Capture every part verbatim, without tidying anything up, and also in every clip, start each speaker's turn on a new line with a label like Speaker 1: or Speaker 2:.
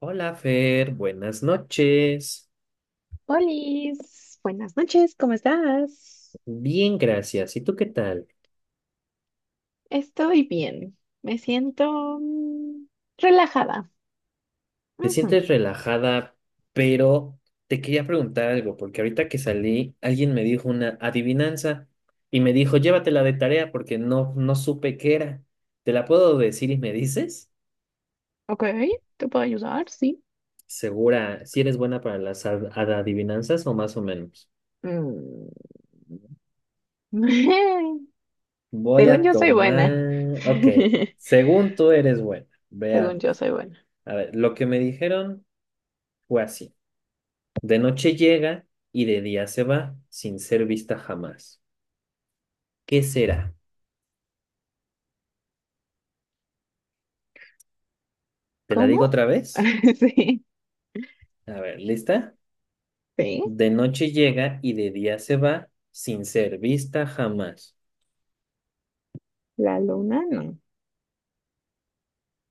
Speaker 1: Hola Fer, buenas noches.
Speaker 2: Olis, buenas noches, ¿cómo estás?
Speaker 1: Bien, gracias. ¿Y tú qué tal?
Speaker 2: Estoy bien. Me siento mm, relajada.
Speaker 1: ¿Te
Speaker 2: Ujú.
Speaker 1: sientes relajada? Pero te quería preguntar algo, porque ahorita que salí, alguien me dijo una adivinanza y me dijo, llévatela de tarea porque no, no supe qué era. ¿Te la puedo decir y me dices?
Speaker 2: Ok, te puedo ayudar, sí.
Speaker 1: Segura, si eres buena para las ad- ad- adivinanzas o más o menos.
Speaker 2: Mm.
Speaker 1: Voy
Speaker 2: Según
Speaker 1: a
Speaker 2: yo soy buena.
Speaker 1: tomar. Ok, según tú eres buena. Veamos.
Speaker 2: Según yo soy buena.
Speaker 1: A ver, lo que me dijeron fue así. De noche llega y de día se va, sin ser vista jamás. ¿Qué será? ¿Te la
Speaker 2: ¿Cómo?
Speaker 1: digo otra vez?
Speaker 2: Sí,
Speaker 1: A ver, ¿lista?
Speaker 2: sí.
Speaker 1: De noche llega y de día se va, sin ser vista jamás.
Speaker 2: La luna no.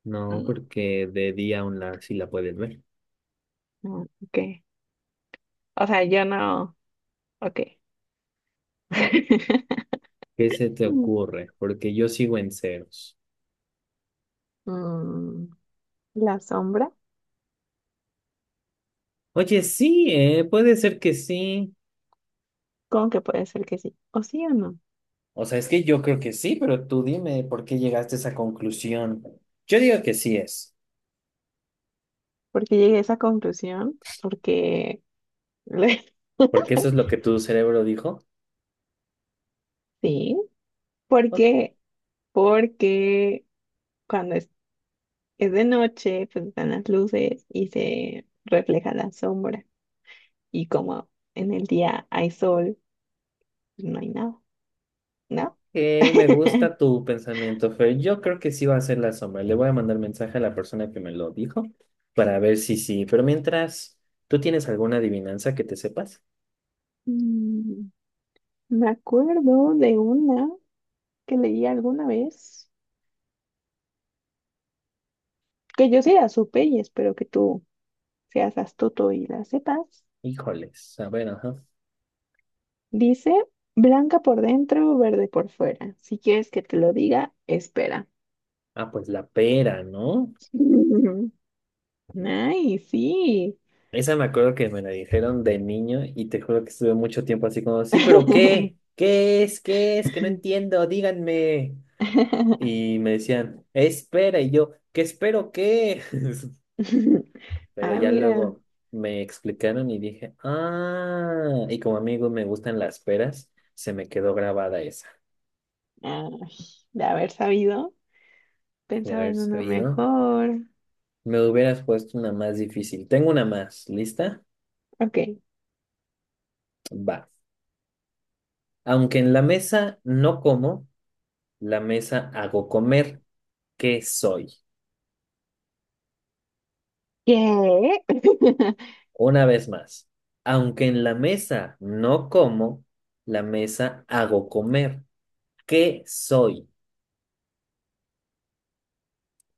Speaker 1: No,
Speaker 2: Mm,
Speaker 1: porque de día aún la, sí la puedes ver.
Speaker 2: no, ok. O sea, yo no. Ok.
Speaker 1: ¿Qué se te ocurre? Porque yo sigo en ceros.
Speaker 2: Mm, La sombra.
Speaker 1: Oye, sí, eh, puede ser que sí.
Speaker 2: ¿Cómo que puede ser que sí? ¿O sí o no?
Speaker 1: O sea, es que yo creo que sí, pero tú dime por qué llegaste a esa conclusión. Yo digo que sí es,
Speaker 2: Porque llegué a esa conclusión, pues, porque
Speaker 1: porque eso es lo que tu cerebro dijo.
Speaker 2: sí,
Speaker 1: Ok,
Speaker 2: porque porque cuando es, es de noche, pues están las luces y se refleja la sombra, y como en el día hay sol, pues no hay nada, ¿no?
Speaker 1: ok, me gusta tu pensamiento, Fer. Yo creo que sí va a ser la sombra. Le voy a mandar mensaje a la persona que me lo dijo para ver si sí. Pero mientras, ¿tú tienes alguna adivinanza que te sepas?
Speaker 2: Mm, Me acuerdo de una que leí alguna vez, que yo sí la supe y espero que tú seas astuto y la sepas.
Speaker 1: Híjoles, a ver, ajá.
Speaker 2: Dice, blanca por dentro, verde por fuera. Si quieres que te lo diga, espera.
Speaker 1: Ah, pues la pera, ¿no?
Speaker 2: Ay, sí.
Speaker 1: Esa me acuerdo que me la dijeron de niño y te juro que estuve mucho tiempo así como, sí, pero ¿qué? ¿Qué es? ¿Qué es? Que no entiendo, díganme. Y me decían, espera, y yo, ¿qué espero qué? Pero
Speaker 2: Ah,
Speaker 1: ya
Speaker 2: mira.
Speaker 1: luego me explicaron y dije, ah, y como amigo me gustan las peras, se me quedó grabada esa
Speaker 2: Ay, de haber sabido,
Speaker 1: de
Speaker 2: pensaba
Speaker 1: haber
Speaker 2: en una
Speaker 1: sabido.
Speaker 2: mejor.
Speaker 1: Me hubieras puesto una más difícil. Tengo una más, ¿lista?
Speaker 2: Ok.
Speaker 1: Va. Aunque en la mesa no como, la mesa hago comer. ¿Qué soy?
Speaker 2: ¿Qué?
Speaker 1: Una vez más. Aunque en la mesa no como, la mesa hago comer. ¿Qué soy?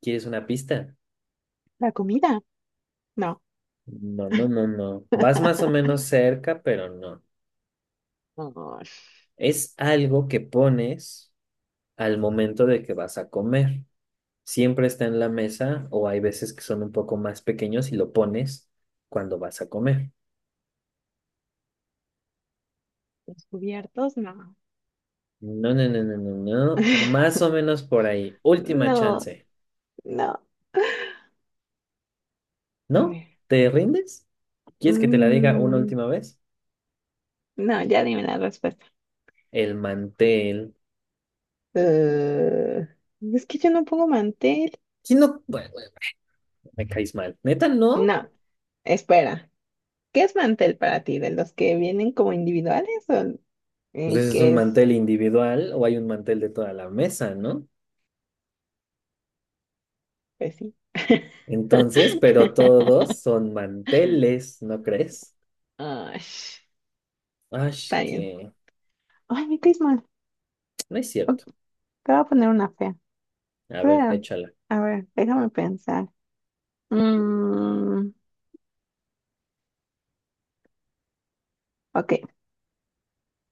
Speaker 1: ¿Quieres una pista?
Speaker 2: ¿La comida? No.
Speaker 1: No, no, no, no. Vas más o menos cerca, pero no.
Speaker 2: No.
Speaker 1: Es algo que pones al momento de que vas a comer. Siempre está en la mesa o hay veces que son un poco más pequeños y lo pones cuando vas a comer.
Speaker 2: ¿Los cubiertos? No.
Speaker 1: No, no, no, no, no, no. Más o menos por ahí. Última
Speaker 2: No,
Speaker 1: chance.
Speaker 2: no. A
Speaker 1: ¿No?
Speaker 2: ver.
Speaker 1: ¿Te rindes? ¿Quieres que te la diga una
Speaker 2: Mm,
Speaker 1: última vez?
Speaker 2: no, ya dime la respuesta.
Speaker 1: El mantel.
Speaker 2: Eh, es que yo no pongo mantel.
Speaker 1: ¿Quién no? Bueno, bueno, me caes mal. ¿Neta no?
Speaker 2: No, espera. ¿Qué es mantel para ti? ¿De los que vienen como individuales o
Speaker 1: Pues
Speaker 2: el
Speaker 1: ese es un
Speaker 2: que es,
Speaker 1: mantel individual o hay un mantel de toda la mesa, ¿no?
Speaker 2: pues sí?
Speaker 1: Entonces, pero todos son manteles, ¿no crees?
Speaker 2: Ay,
Speaker 1: Ay,
Speaker 2: está bien.
Speaker 1: que
Speaker 2: Ay, me caes mal.
Speaker 1: no es
Speaker 2: Ok,
Speaker 1: cierto.
Speaker 2: te voy a poner una fea.
Speaker 1: A ver,
Speaker 2: Espera,
Speaker 1: échala.
Speaker 2: A ver, déjame pensar. Mm, ok,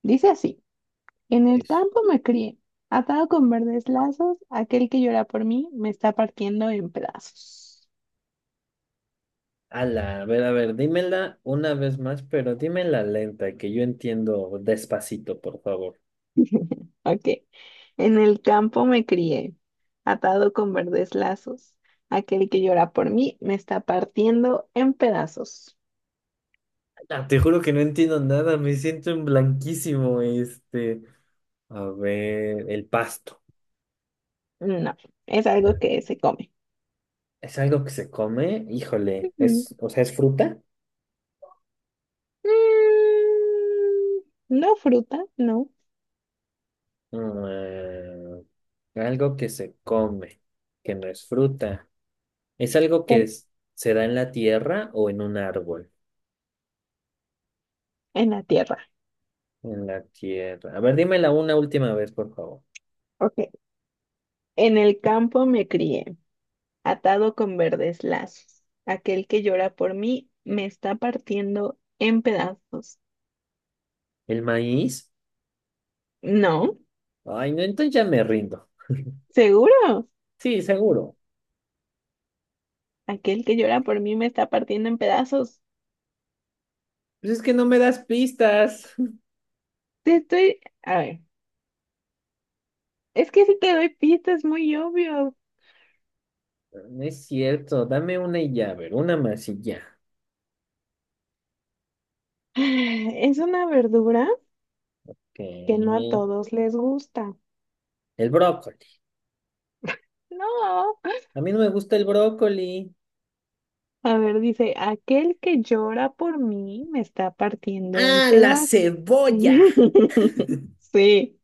Speaker 2: dice así. En el
Speaker 1: Eso.
Speaker 2: campo me crié, atado con verdes lazos, aquel que llora por mí me está partiendo en pedazos.
Speaker 1: Ala, a ver, a ver, dímela una vez más, pero dímela lenta, que yo entiendo despacito, por favor.
Speaker 2: Ok. En el campo me crié, atado con verdes lazos. Aquel que llora por mí me está partiendo en pedazos.
Speaker 1: Ala, te juro que no entiendo nada, me siento en blanquísimo, este. A ver, el pasto.
Speaker 2: No, es algo que se come.
Speaker 1: ¿Es algo que se come? Híjole,
Speaker 2: Mm,
Speaker 1: es, o sea, ¿es fruta?
Speaker 2: mm, No fruta, no,
Speaker 1: Mm, algo que se come, que no es fruta. ¿Es algo que
Speaker 2: pero
Speaker 1: es- se da en la tierra o en un árbol?
Speaker 2: en la tierra.
Speaker 1: En la tierra. A ver, dímela una última vez, por favor.
Speaker 2: Ok. En el campo me crié, atado con verdes lazos. Aquel que llora por mí me está partiendo en pedazos.
Speaker 1: ¿El maíz?
Speaker 2: No,
Speaker 1: Ay, no, entonces ya me rindo.
Speaker 2: seguro.
Speaker 1: Sí, seguro.
Speaker 2: Aquel que llora por mí me está partiendo en pedazos.
Speaker 1: Pues es que no me das pistas.
Speaker 2: Te estoy... A ver, es que si te doy pistas, es muy obvio.
Speaker 1: No es cierto, dame una y ya, a ver, una más y ya.
Speaker 2: Es una verdura
Speaker 1: Ok.
Speaker 2: que no a todos les gusta.
Speaker 1: El brócoli.
Speaker 2: No.
Speaker 1: A mí no me gusta el brócoli.
Speaker 2: A ver, dice, aquel que llora por mí me está partiendo en
Speaker 1: ¡Ah, la
Speaker 2: pedazos.
Speaker 1: cebolla!
Speaker 2: Sí,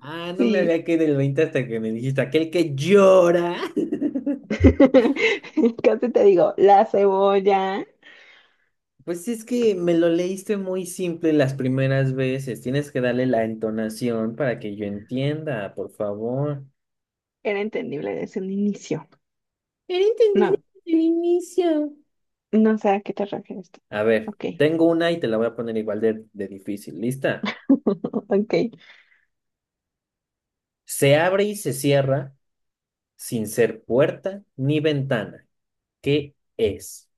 Speaker 1: Ah, no me
Speaker 2: sí.
Speaker 1: había quedado el veinte hasta que me dijiste aquel que llora.
Speaker 2: Casi te digo, la cebolla
Speaker 1: Pues sí, es que me lo leíste muy simple las primeras veces. Tienes que darle la entonación para que yo entienda, por favor.
Speaker 2: era entendible desde un inicio.
Speaker 1: Era entendible
Speaker 2: No,
Speaker 1: desde el inicio.
Speaker 2: no sé a qué te refieres tú.
Speaker 1: A ver,
Speaker 2: Ok.
Speaker 1: tengo una y te la voy a poner igual de, de difícil. ¿Lista?
Speaker 2: Ok.
Speaker 1: Se abre y se cierra sin ser puerta ni ventana. ¿Qué es?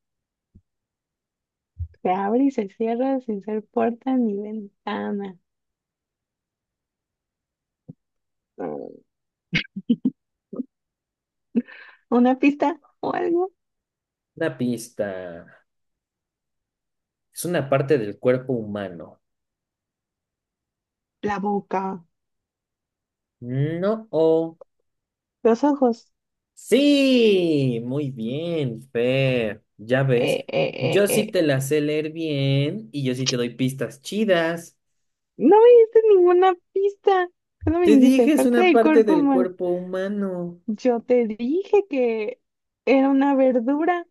Speaker 2: Se abre y se cierra sin ser puerta ni ventana. Mm, ¿Una pista o algo?
Speaker 1: Una pista. Es una parte del cuerpo humano.
Speaker 2: La boca,
Speaker 1: No.
Speaker 2: los ojos.
Speaker 1: Sí, muy bien, Fer. Ya ves,
Speaker 2: ¡Eh, eh,
Speaker 1: yo sí
Speaker 2: eh,
Speaker 1: te
Speaker 2: eh!
Speaker 1: la sé leer bien y yo sí te doy pistas chidas.
Speaker 2: No me diste ninguna pista. Solo me
Speaker 1: Te
Speaker 2: dijiste
Speaker 1: dije, es
Speaker 2: parte
Speaker 1: una
Speaker 2: del
Speaker 1: parte
Speaker 2: cuerpo
Speaker 1: del
Speaker 2: humano.
Speaker 1: cuerpo humano.
Speaker 2: Yo te dije que era una verdura.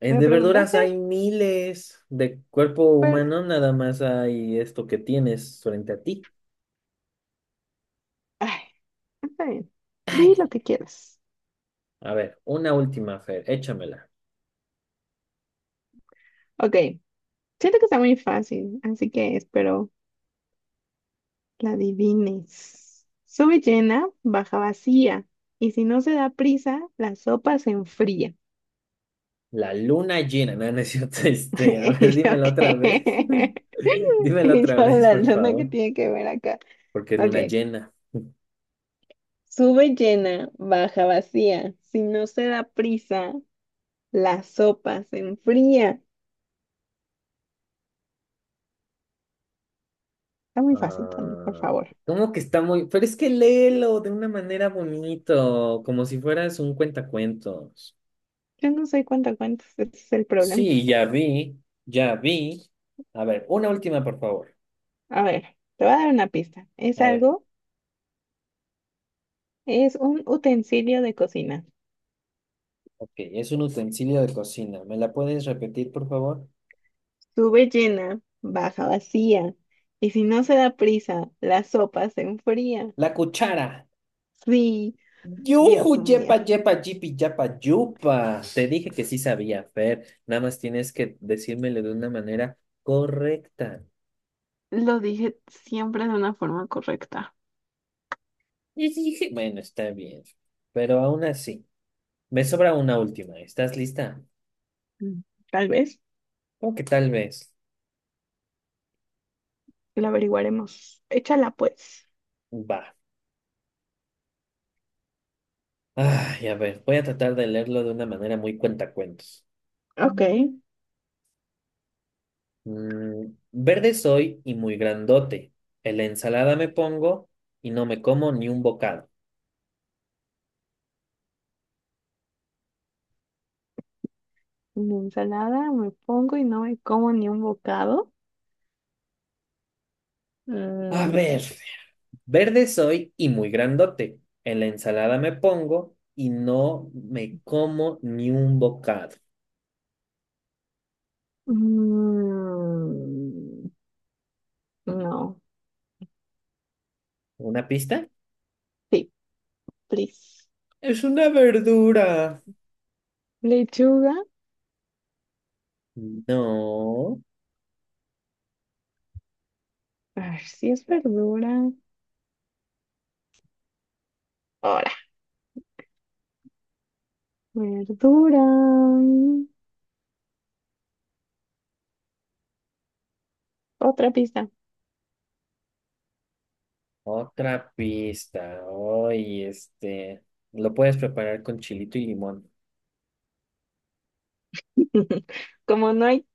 Speaker 1: Eh,
Speaker 2: ¿Me
Speaker 1: de verduras
Speaker 2: preguntaste?
Speaker 1: hay miles. De cuerpo
Speaker 2: Pero,
Speaker 1: humano nada más hay esto que tienes frente a ti.
Speaker 2: ay, está bien. Di lo
Speaker 1: Ay,
Speaker 2: que quieras.
Speaker 1: a ver, una última, Fer, échamela.
Speaker 2: Ok. Siento que está muy fácil, así que espero La adivines. Sube llena, baja vacía. Y si no se da prisa, la sopa se enfría.
Speaker 1: La luna llena, no, no es cierto, este, a ver,
Speaker 2: ¿Y yo
Speaker 1: dímela otra vez.
Speaker 2: qué?
Speaker 1: Dímela
Speaker 2: ¿Y
Speaker 1: otra
Speaker 2: yo
Speaker 1: vez,
Speaker 2: la
Speaker 1: por
Speaker 2: luna que
Speaker 1: favor,
Speaker 2: tiene que ver acá?
Speaker 1: porque es
Speaker 2: Ok.
Speaker 1: luna llena.
Speaker 2: Sube llena, baja vacía. Si no se da prisa, la sopa se enfría. Está muy fácil, Tony, por
Speaker 1: Ah,
Speaker 2: favor.
Speaker 1: ¿cómo que está muy? Pero es que léelo de una manera bonito, como si fueras un cuentacuentos.
Speaker 2: Yo no sé cuánto cuentas, ese es el problema.
Speaker 1: Sí, ya vi, ya vi. A ver, una última, por favor.
Speaker 2: A ver, te voy a dar una pista. Es
Speaker 1: A ver,
Speaker 2: algo, es un utensilio de cocina.
Speaker 1: ok, es un utensilio de cocina. ¿Me la puedes repetir, por favor?
Speaker 2: Sube llena, baja vacía, y si no se da prisa, la sopa se enfría.
Speaker 1: La cuchara.
Speaker 2: Sí,
Speaker 1: Yuju,
Speaker 2: Dios
Speaker 1: yepa,
Speaker 2: mío.
Speaker 1: yepa, yipi, yapa, yupa. Te dije que sí sabía, Fer. Nada más tienes que decírmelo de una manera correcta.
Speaker 2: Lo dije siempre de una forma correcta.
Speaker 1: Y dije, bueno, está bien, pero aún así. Me sobra una última. ¿Estás lista?
Speaker 2: Mm, Tal vez
Speaker 1: O que tal vez.
Speaker 2: lo averiguaremos. Échala pues.
Speaker 1: Va. Ay, a ver, voy a tratar de leerlo de una manera muy cuentacuentos.
Speaker 2: Ok.
Speaker 1: Mm, verde soy y muy grandote. En la ensalada me pongo y no me como ni un bocado.
Speaker 2: Una ensalada me pongo y no me como ni un bocado.
Speaker 1: A
Speaker 2: Mm,
Speaker 1: ver, verde soy y muy grandote. En la ensalada me pongo y no me como ni un bocado.
Speaker 2: mm, no.
Speaker 1: ¿Una pista?
Speaker 2: Sí, please.
Speaker 1: Es una verdura.
Speaker 2: Lechuga.
Speaker 1: No.
Speaker 2: A ver si es verdura. Ahora. Verdura. Otra pista.
Speaker 1: Otra pista. Hoy, este, lo puedes preparar con chilito y limón.
Speaker 2: Como no hay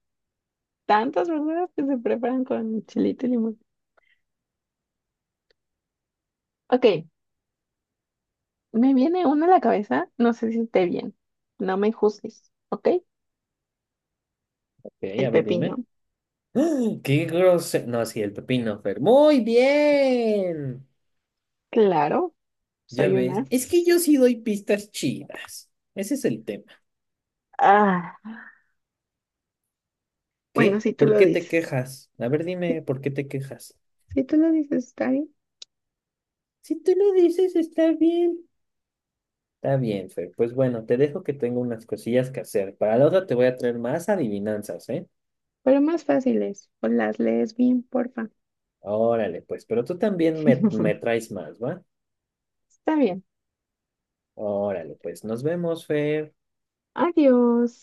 Speaker 2: tantas verduras que se preparan con chilito y limón. Ok, me viene una a la cabeza, no sé si esté bien. No me juzgues, ¿ok?
Speaker 1: Ok, a
Speaker 2: El
Speaker 1: ver, dime.
Speaker 2: pepino.
Speaker 1: ¡Ah! ¡Qué grosero! No, sí, el pepino, Fer. Muy bien.
Speaker 2: Claro,
Speaker 1: Ya
Speaker 2: soy una.
Speaker 1: ves, es que
Speaker 2: as.
Speaker 1: yo sí doy pistas chidas. Ese es el tema.
Speaker 2: Ah, bueno,
Speaker 1: ¿Qué?
Speaker 2: si tú
Speaker 1: ¿Por
Speaker 2: lo
Speaker 1: qué te
Speaker 2: dices.
Speaker 1: quejas? A ver,
Speaker 2: Si,
Speaker 1: dime, ¿por qué te quejas?
Speaker 2: si tú lo dices, está bien.
Speaker 1: Si tú lo dices, está bien. Está bien, Fer. Pues bueno, te dejo que tengo unas cosillas que hacer. Para la otra te voy a traer más adivinanzas, ¿eh?
Speaker 2: Pero más fácil es, o las lees bien, porfa.
Speaker 1: Órale, pues, pero tú también me, me traes más, ¿va?
Speaker 2: Está bien.
Speaker 1: Órale, pues nos vemos, Fer.
Speaker 2: Adiós.